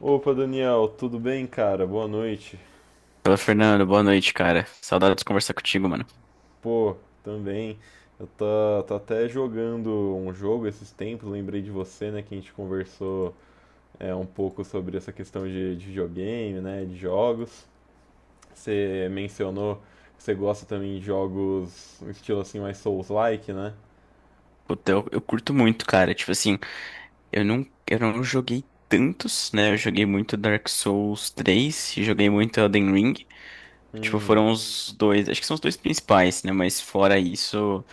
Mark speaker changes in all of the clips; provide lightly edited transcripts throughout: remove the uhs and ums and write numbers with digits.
Speaker 1: Opa, Daniel, tudo bem, cara? Boa noite.
Speaker 2: Fala, Fernando, boa noite, cara. Saudade de conversar contigo, mano.
Speaker 1: Pô, também. Eu tô até jogando um jogo esses tempos, lembrei de você, né, que a gente conversou um pouco sobre essa questão de videogame, né, de jogos. Você mencionou que você gosta também de jogos um estilo assim mais Souls-like, né?
Speaker 2: Puta, eu curto muito, cara. Tipo assim, eu não joguei tantos, né? Eu joguei muito Dark Souls 3, e joguei muito Elden Ring. Tipo,
Speaker 1: Hum,
Speaker 2: foram os dois, acho que são os dois principais, né? Mas fora isso,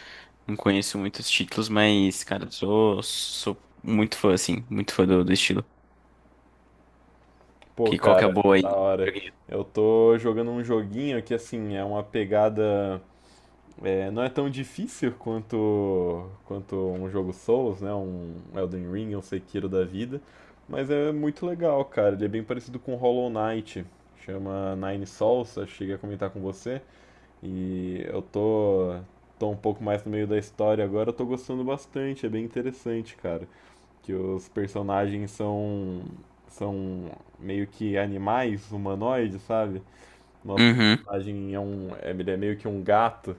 Speaker 2: não conheço muitos títulos, mas, cara, sou muito fã, assim, muito fã do estilo.
Speaker 1: pô,
Speaker 2: Que qual que é a
Speaker 1: cara,
Speaker 2: boa
Speaker 1: da
Speaker 2: aí?
Speaker 1: hora.
Speaker 2: Joguei.
Speaker 1: Eu tô jogando um joguinho que, assim, é uma pegada. É, não é tão difícil quanto um jogo Souls, né? Um Elden Ring, um Sekiro da vida. Mas é muito legal, cara. Ele é bem parecido com Hollow Knight. Chama Nine Souls, acho que cheguei a comentar com você. E eu tô um pouco mais no meio da história agora, eu tô gostando bastante. É bem interessante, cara. Que os personagens são meio que animais humanoides, sabe? Nosso
Speaker 2: Uhum,
Speaker 1: personagem é um, ele é meio que um gato.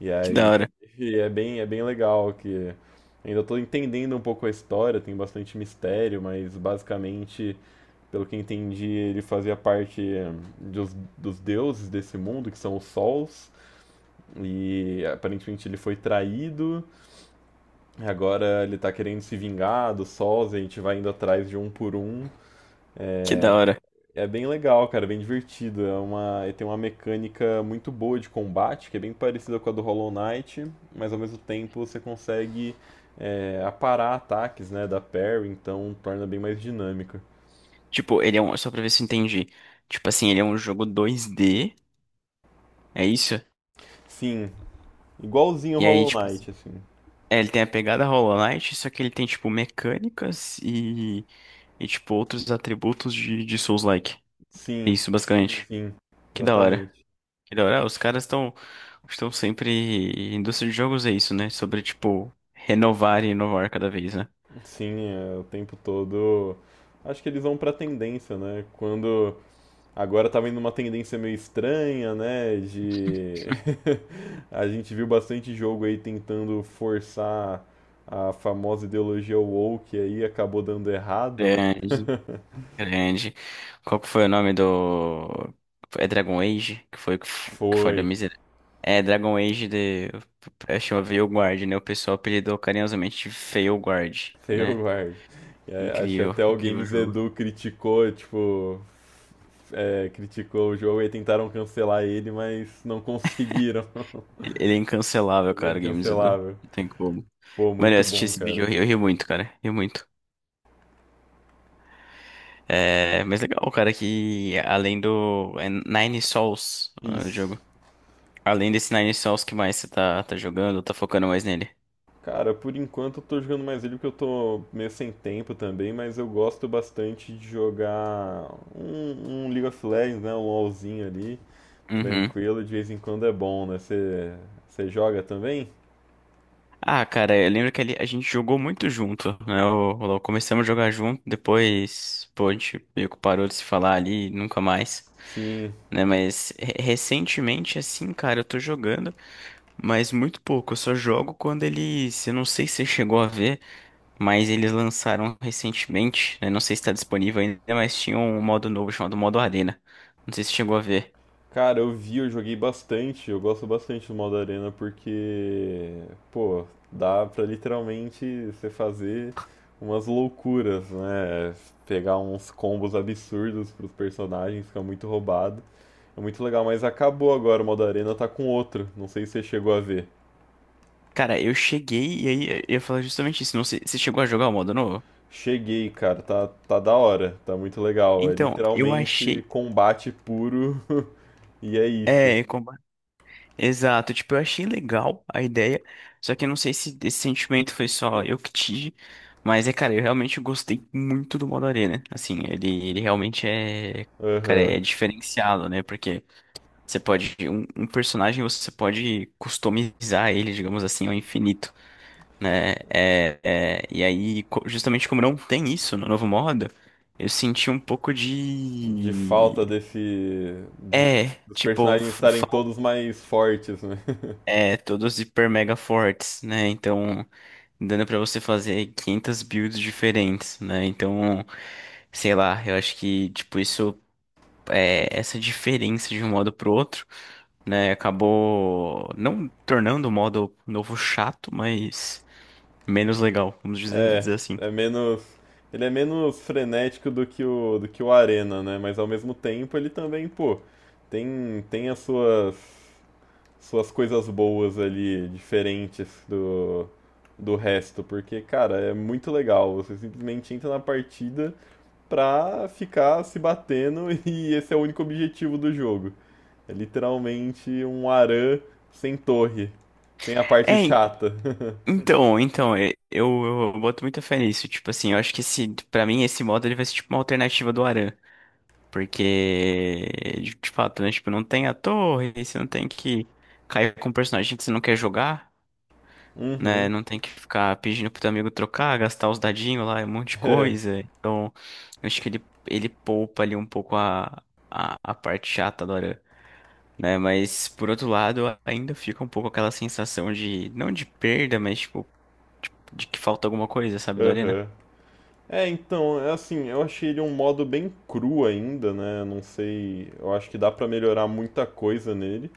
Speaker 1: E
Speaker 2: que da
Speaker 1: aí,
Speaker 2: hora,
Speaker 1: e é bem legal que ainda estou entendendo um pouco a história, tem bastante mistério, mas basicamente, pelo que entendi, ele fazia parte dos deuses desse mundo, que são os sols, e aparentemente ele foi traído, e agora ele está querendo se vingar dos sols, e a gente vai indo atrás de um por um.
Speaker 2: que da hora.
Speaker 1: É bem legal, cara, bem divertido. É uma, ele tem uma mecânica muito boa de combate, que é bem parecida com a do Hollow Knight, mas ao mesmo tempo você consegue aparar ataques, né, da parry, então torna bem mais dinâmica.
Speaker 2: Tipo, só pra ver se eu entendi. Tipo assim, ele é um jogo 2D. É isso?
Speaker 1: Sim, igualzinho ao
Speaker 2: E aí,
Speaker 1: Hollow
Speaker 2: tipo assim,
Speaker 1: Knight, assim.
Speaker 2: é, ele tem a pegada Hollow Knight, só que ele tem, tipo, mecânicas e tipo, outros atributos de Souls-like. É
Speaker 1: Sim,
Speaker 2: isso, basicamente.
Speaker 1: sim,
Speaker 2: Que da hora.
Speaker 1: exatamente.
Speaker 2: Que da hora. Ah, os caras estão sempre. Indústria de jogos é isso, né? Sobre, tipo, renovar e inovar cada vez, né?
Speaker 1: Sim, é, o tempo todo. Acho que eles vão pra tendência, né? Quando agora tá vendo uma tendência meio estranha, né? De. A gente viu bastante jogo aí tentando forçar a famosa ideologia woke aí, acabou dando errado, né?
Speaker 2: Grande, grande. Qual que foi o nome do. É Dragon Age? Que foi que
Speaker 1: Foi,
Speaker 2: falhou miserável. É Dragon Age de. Eu chamo Veilguard, né? O pessoal apelidou carinhosamente de Veilguard,
Speaker 1: eu
Speaker 2: né?
Speaker 1: guarde. É, acho que
Speaker 2: Incrível,
Speaker 1: até o
Speaker 2: incrível o
Speaker 1: Games
Speaker 2: jogo.
Speaker 1: Edu criticou, tipo. É, criticou o jogo e tentaram cancelar ele, mas não conseguiram.
Speaker 2: Ele é incancelável,
Speaker 1: Ele é
Speaker 2: cara, o Games Edu.
Speaker 1: incancelável.
Speaker 2: Não tem como.
Speaker 1: Pô,
Speaker 2: Mano, eu
Speaker 1: muito
Speaker 2: assisti
Speaker 1: bom,
Speaker 2: esse vídeo,
Speaker 1: cara.
Speaker 2: eu ri muito, cara. Ri muito. É, mas legal, cara, que além do é Nine Sols, ah, o
Speaker 1: Isso.
Speaker 2: jogo. Além desse Nine Sols, que mais você tá jogando, tá focando mais nele?
Speaker 1: Cara, por enquanto eu tô jogando mais ele porque eu tô meio sem tempo também, mas eu gosto bastante de jogar um League of Legends, né? Um LoLzinho ali,
Speaker 2: Uhum.
Speaker 1: tranquilo, de vez em quando é bom, né? Você joga também?
Speaker 2: Ah, cara, eu lembro que ali a gente jogou muito junto, né? Começamos a jogar junto, depois, pô, a gente meio que parou de se falar ali, nunca mais,
Speaker 1: Sim.
Speaker 2: né? Mas recentemente, assim, cara, eu tô jogando. Mas muito pouco, eu só jogo quando eles. Eu não sei se você chegou a ver, mas eles lançaram recentemente, né? Não sei se está disponível ainda, mas tinha um modo novo chamado modo Arena. Não sei se você chegou a ver.
Speaker 1: Cara, eu vi, eu joguei bastante, eu gosto bastante do modo arena porque, pô, dá pra literalmente você fazer umas loucuras, né? Pegar uns combos absurdos pros personagens, fica muito roubado. É muito legal, mas acabou agora o modo arena, tá com outro. Não sei se você chegou a ver.
Speaker 2: Cara, eu cheguei e aí eu ia falar justamente isso. Não sei, você chegou a jogar o modo novo?
Speaker 1: Cheguei, cara, tá da hora, tá muito legal. É
Speaker 2: Então, eu
Speaker 1: literalmente
Speaker 2: achei.
Speaker 1: combate puro e é isso.
Speaker 2: É, exato, tipo, eu achei legal a ideia, só que eu não sei se esse sentimento foi só eu que tive, mas é, cara, eu realmente gostei muito do modo arena, assim, ele realmente é, cara,
Speaker 1: Aham.
Speaker 2: é diferenciado, né, porque você pode, um personagem você pode customizar ele, digamos assim, ao infinito, né, e aí, justamente como não tem isso no novo modo, eu senti um pouco
Speaker 1: De falta
Speaker 2: de.
Speaker 1: desse. de-
Speaker 2: É,
Speaker 1: dos
Speaker 2: tipo,
Speaker 1: personagens estarem todos
Speaker 2: falta.
Speaker 1: mais fortes, né?
Speaker 2: É, todos hiper mega fortes, né? Então, dando pra você fazer 500 builds diferentes, né? Então, sei lá, eu acho que, tipo, isso, é, essa diferença de um modo pro outro, né? Acabou não tornando o modo novo chato, mas menos legal, vamos dizer,
Speaker 1: É,
Speaker 2: dizer assim.
Speaker 1: é menos. Ele é menos frenético do que do que o Arena, né? Mas ao mesmo tempo ele também, pô, tem as suas coisas boas ali, diferentes do resto, porque, cara, é muito legal. Você simplesmente entra na partida pra ficar se batendo e esse é o único objetivo do jogo. É literalmente um Aran sem torre, sem a
Speaker 2: É,
Speaker 1: parte
Speaker 2: en-
Speaker 1: chata.
Speaker 2: então, então, eu boto muita fé nisso. Tipo assim, eu acho que esse, pra mim, esse modo ele vai ser tipo uma alternativa do Aran. Porque, de fato, né? Tipo, não tem a torre, você não tem que cair com um personagem que você não quer jogar, né?
Speaker 1: Uhum.
Speaker 2: Não tem que ficar pedindo pro teu amigo trocar, gastar os dadinhos lá, um monte de
Speaker 1: É,
Speaker 2: coisa. Então, eu acho que ele poupa ali um pouco a parte chata do Aran, né? Mas, por outro lado, ainda fica um pouco aquela sensação de, não de perda, mas, tipo, de que falta alguma coisa, sabe, do Arena?
Speaker 1: aham. É, então, é assim, eu achei ele um modo bem cru ainda, né? Não sei, eu acho que dá pra melhorar muita coisa nele.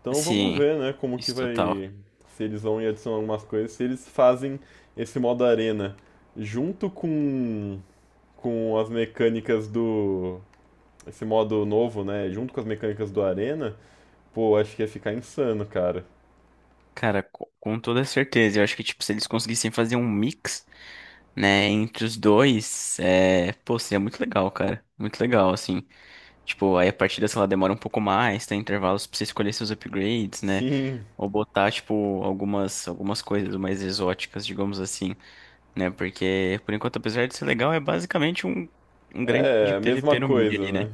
Speaker 1: Então vamos
Speaker 2: Sim,
Speaker 1: ver, né, como que
Speaker 2: isso total.
Speaker 1: vai, se eles vão adicionar algumas coisas, se eles fazem esse modo arena junto com as mecânicas do esse modo novo, né, junto com as mecânicas do arena, pô, acho que ia ficar insano, cara.
Speaker 2: Cara, com toda certeza, eu acho que, tipo, se eles conseguissem fazer um mix né, entre os dois, é, pô, seria muito legal, cara. Muito legal, assim. Tipo, aí a partida, sei lá, demora um pouco mais, tem intervalos pra você escolher seus upgrades, né?
Speaker 1: Sim,
Speaker 2: Ou botar, tipo, algumas coisas mais exóticas, digamos assim, né? Porque, por enquanto, apesar de ser legal, é basicamente um, grande
Speaker 1: é a mesma
Speaker 2: PVP no mid
Speaker 1: coisa,
Speaker 2: ali,
Speaker 1: né?
Speaker 2: né?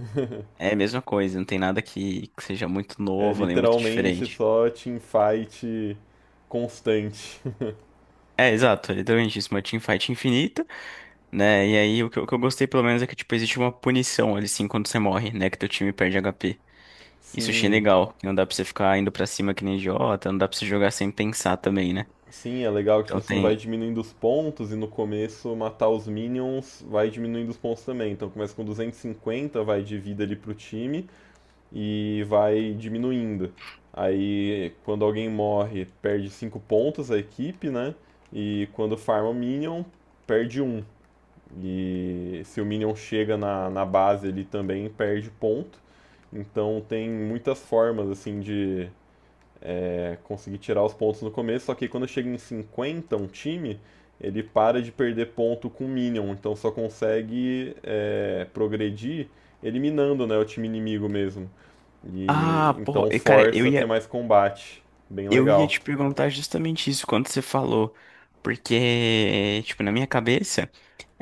Speaker 2: É a mesma coisa, não tem nada que, seja muito
Speaker 1: É
Speaker 2: novo nem muito
Speaker 1: literalmente
Speaker 2: diferente.
Speaker 1: só teamfight constante.
Speaker 2: É, exato, é literalmente isso, uma teamfight infinita. Né? E aí o que eu gostei pelo menos é que tipo existe uma punição ali sim quando você morre, né? Que teu time perde HP. Isso achei
Speaker 1: Sim,
Speaker 2: legal. Que não dá pra você ficar indo pra cima que nem idiota, não dá pra você jogar sem pensar também, né?
Speaker 1: Sim, é legal que, tipo
Speaker 2: Então
Speaker 1: assim, vai
Speaker 2: tem.
Speaker 1: diminuindo os pontos e no começo matar os minions vai diminuindo os pontos também. Então começa com 250 vai de vida ali pro time e vai diminuindo. Aí quando alguém morre, perde 5 pontos a equipe, né? E quando farma o minion, perde um. E se o minion chega na base ali também, perde ponto. Então tem muitas formas, assim, de consegui tirar os pontos no começo, só que quando chega em 50 um time, ele para de perder ponto com Minion, então só consegue é, progredir eliminando né, o time inimigo mesmo. E
Speaker 2: Ah, pô,
Speaker 1: então
Speaker 2: e, cara, eu
Speaker 1: força a ter
Speaker 2: ia,
Speaker 1: mais combate. Bem
Speaker 2: eu ia
Speaker 1: legal.
Speaker 2: te perguntar justamente isso quando você falou. Porque, tipo, na minha cabeça,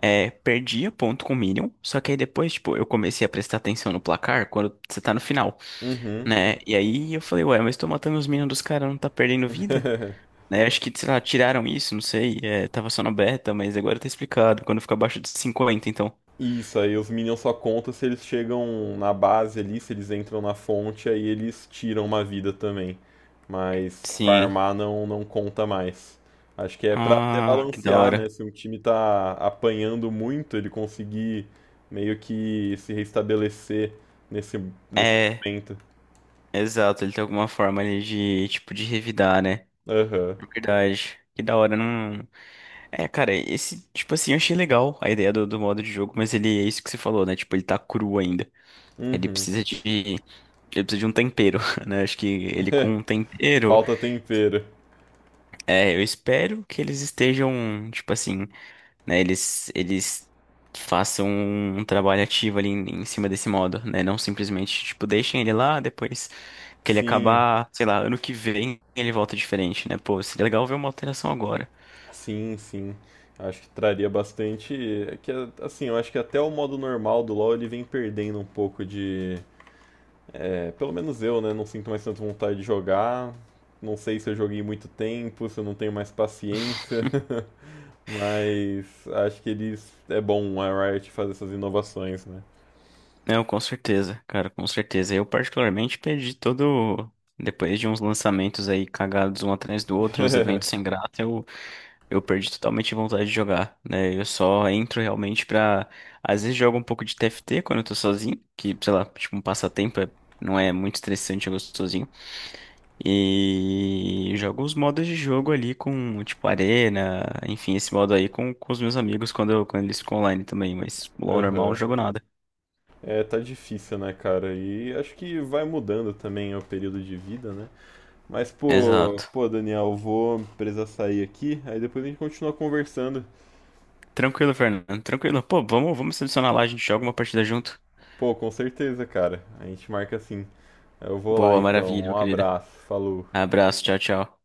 Speaker 2: é, perdia ponto com o Minion, só que aí depois, tipo, eu comecei a prestar atenção no placar quando você tá no final,
Speaker 1: Uhum.
Speaker 2: né? E aí eu falei, ué, mas tô matando os Minions dos caras, não tá perdendo vida? Né? Acho que, sei lá, tiraram isso, não sei. É, tava só na beta, mas agora tá explicado. Quando fica abaixo de 50, então.
Speaker 1: Isso, aí os Minions só contam se eles chegam na base ali, se eles entram na fonte, aí eles tiram uma vida também. Mas
Speaker 2: Sim.
Speaker 1: farmar não, não conta mais. Acho que é pra até
Speaker 2: Ah, que da
Speaker 1: balancear, né?
Speaker 2: hora.
Speaker 1: Se um time tá apanhando muito, ele conseguir meio que se restabelecer nesse, nesse
Speaker 2: É,
Speaker 1: momento.
Speaker 2: exato. Ele tem alguma forma ali de, tipo, de revidar, né?
Speaker 1: Aham.
Speaker 2: É verdade. Que da hora, não. É, cara, esse, tipo assim, eu achei legal a ideia do, do modo de jogo, mas ele é isso que você falou, né? Tipo, ele tá cru ainda. Ele
Speaker 1: Uhum.
Speaker 2: precisa de. Ele precisa de um tempero, né? Acho que ele com um tempero.
Speaker 1: Falta tempero.
Speaker 2: É, eu espero que eles estejam, tipo assim. Né, eles façam um trabalho ativo ali em, cima desse modo, né? Não simplesmente, tipo, deixem ele lá, depois que ele
Speaker 1: Sim.
Speaker 2: acabar, sei lá, ano que vem ele volta diferente, né? Pô, seria legal ver uma alteração agora.
Speaker 1: Sim, sim. Acho que traria bastante. É que, assim, eu acho que até o modo normal do LoL ele vem perdendo um pouco de. É, pelo menos eu, né? Não sinto mais tanta vontade de jogar. Não sei se eu joguei muito tempo, se eu não tenho mais paciência. Mas acho que eles. É bom a Riot fazer essas inovações, né?
Speaker 2: Não, com certeza, cara, com certeza. Eu particularmente perdi todo. Depois de uns lançamentos aí cagados um atrás do outro, uns eventos sem graça, eu perdi totalmente a vontade de jogar, né? Eu só entro realmente pra. Às vezes jogo um pouco de TFT quando eu tô sozinho, que, sei lá, tipo um passatempo, não é muito estressante jogar sozinho. E jogo os modos de jogo ali com, tipo, arena, enfim, esse modo aí com, os meus amigos quando, quando eles ficam online também, mas LoL normal, eu não
Speaker 1: Aham.
Speaker 2: jogo nada.
Speaker 1: É, tá difícil, né, cara? E acho que vai mudando também o período de vida, né? Mas,
Speaker 2: Exato.
Speaker 1: pô, Daniel, eu vou precisar sair aqui, aí depois a gente continua conversando.
Speaker 2: Tranquilo, Fernando. Tranquilo. Pô, vamos selecionar lá, a gente joga uma partida junto.
Speaker 1: Pô, com certeza, cara. A gente marca assim. Eu vou lá
Speaker 2: Boa,
Speaker 1: então.
Speaker 2: maravilha, meu
Speaker 1: Um
Speaker 2: querido.
Speaker 1: abraço, falou.
Speaker 2: Abraço, tchau, tchau.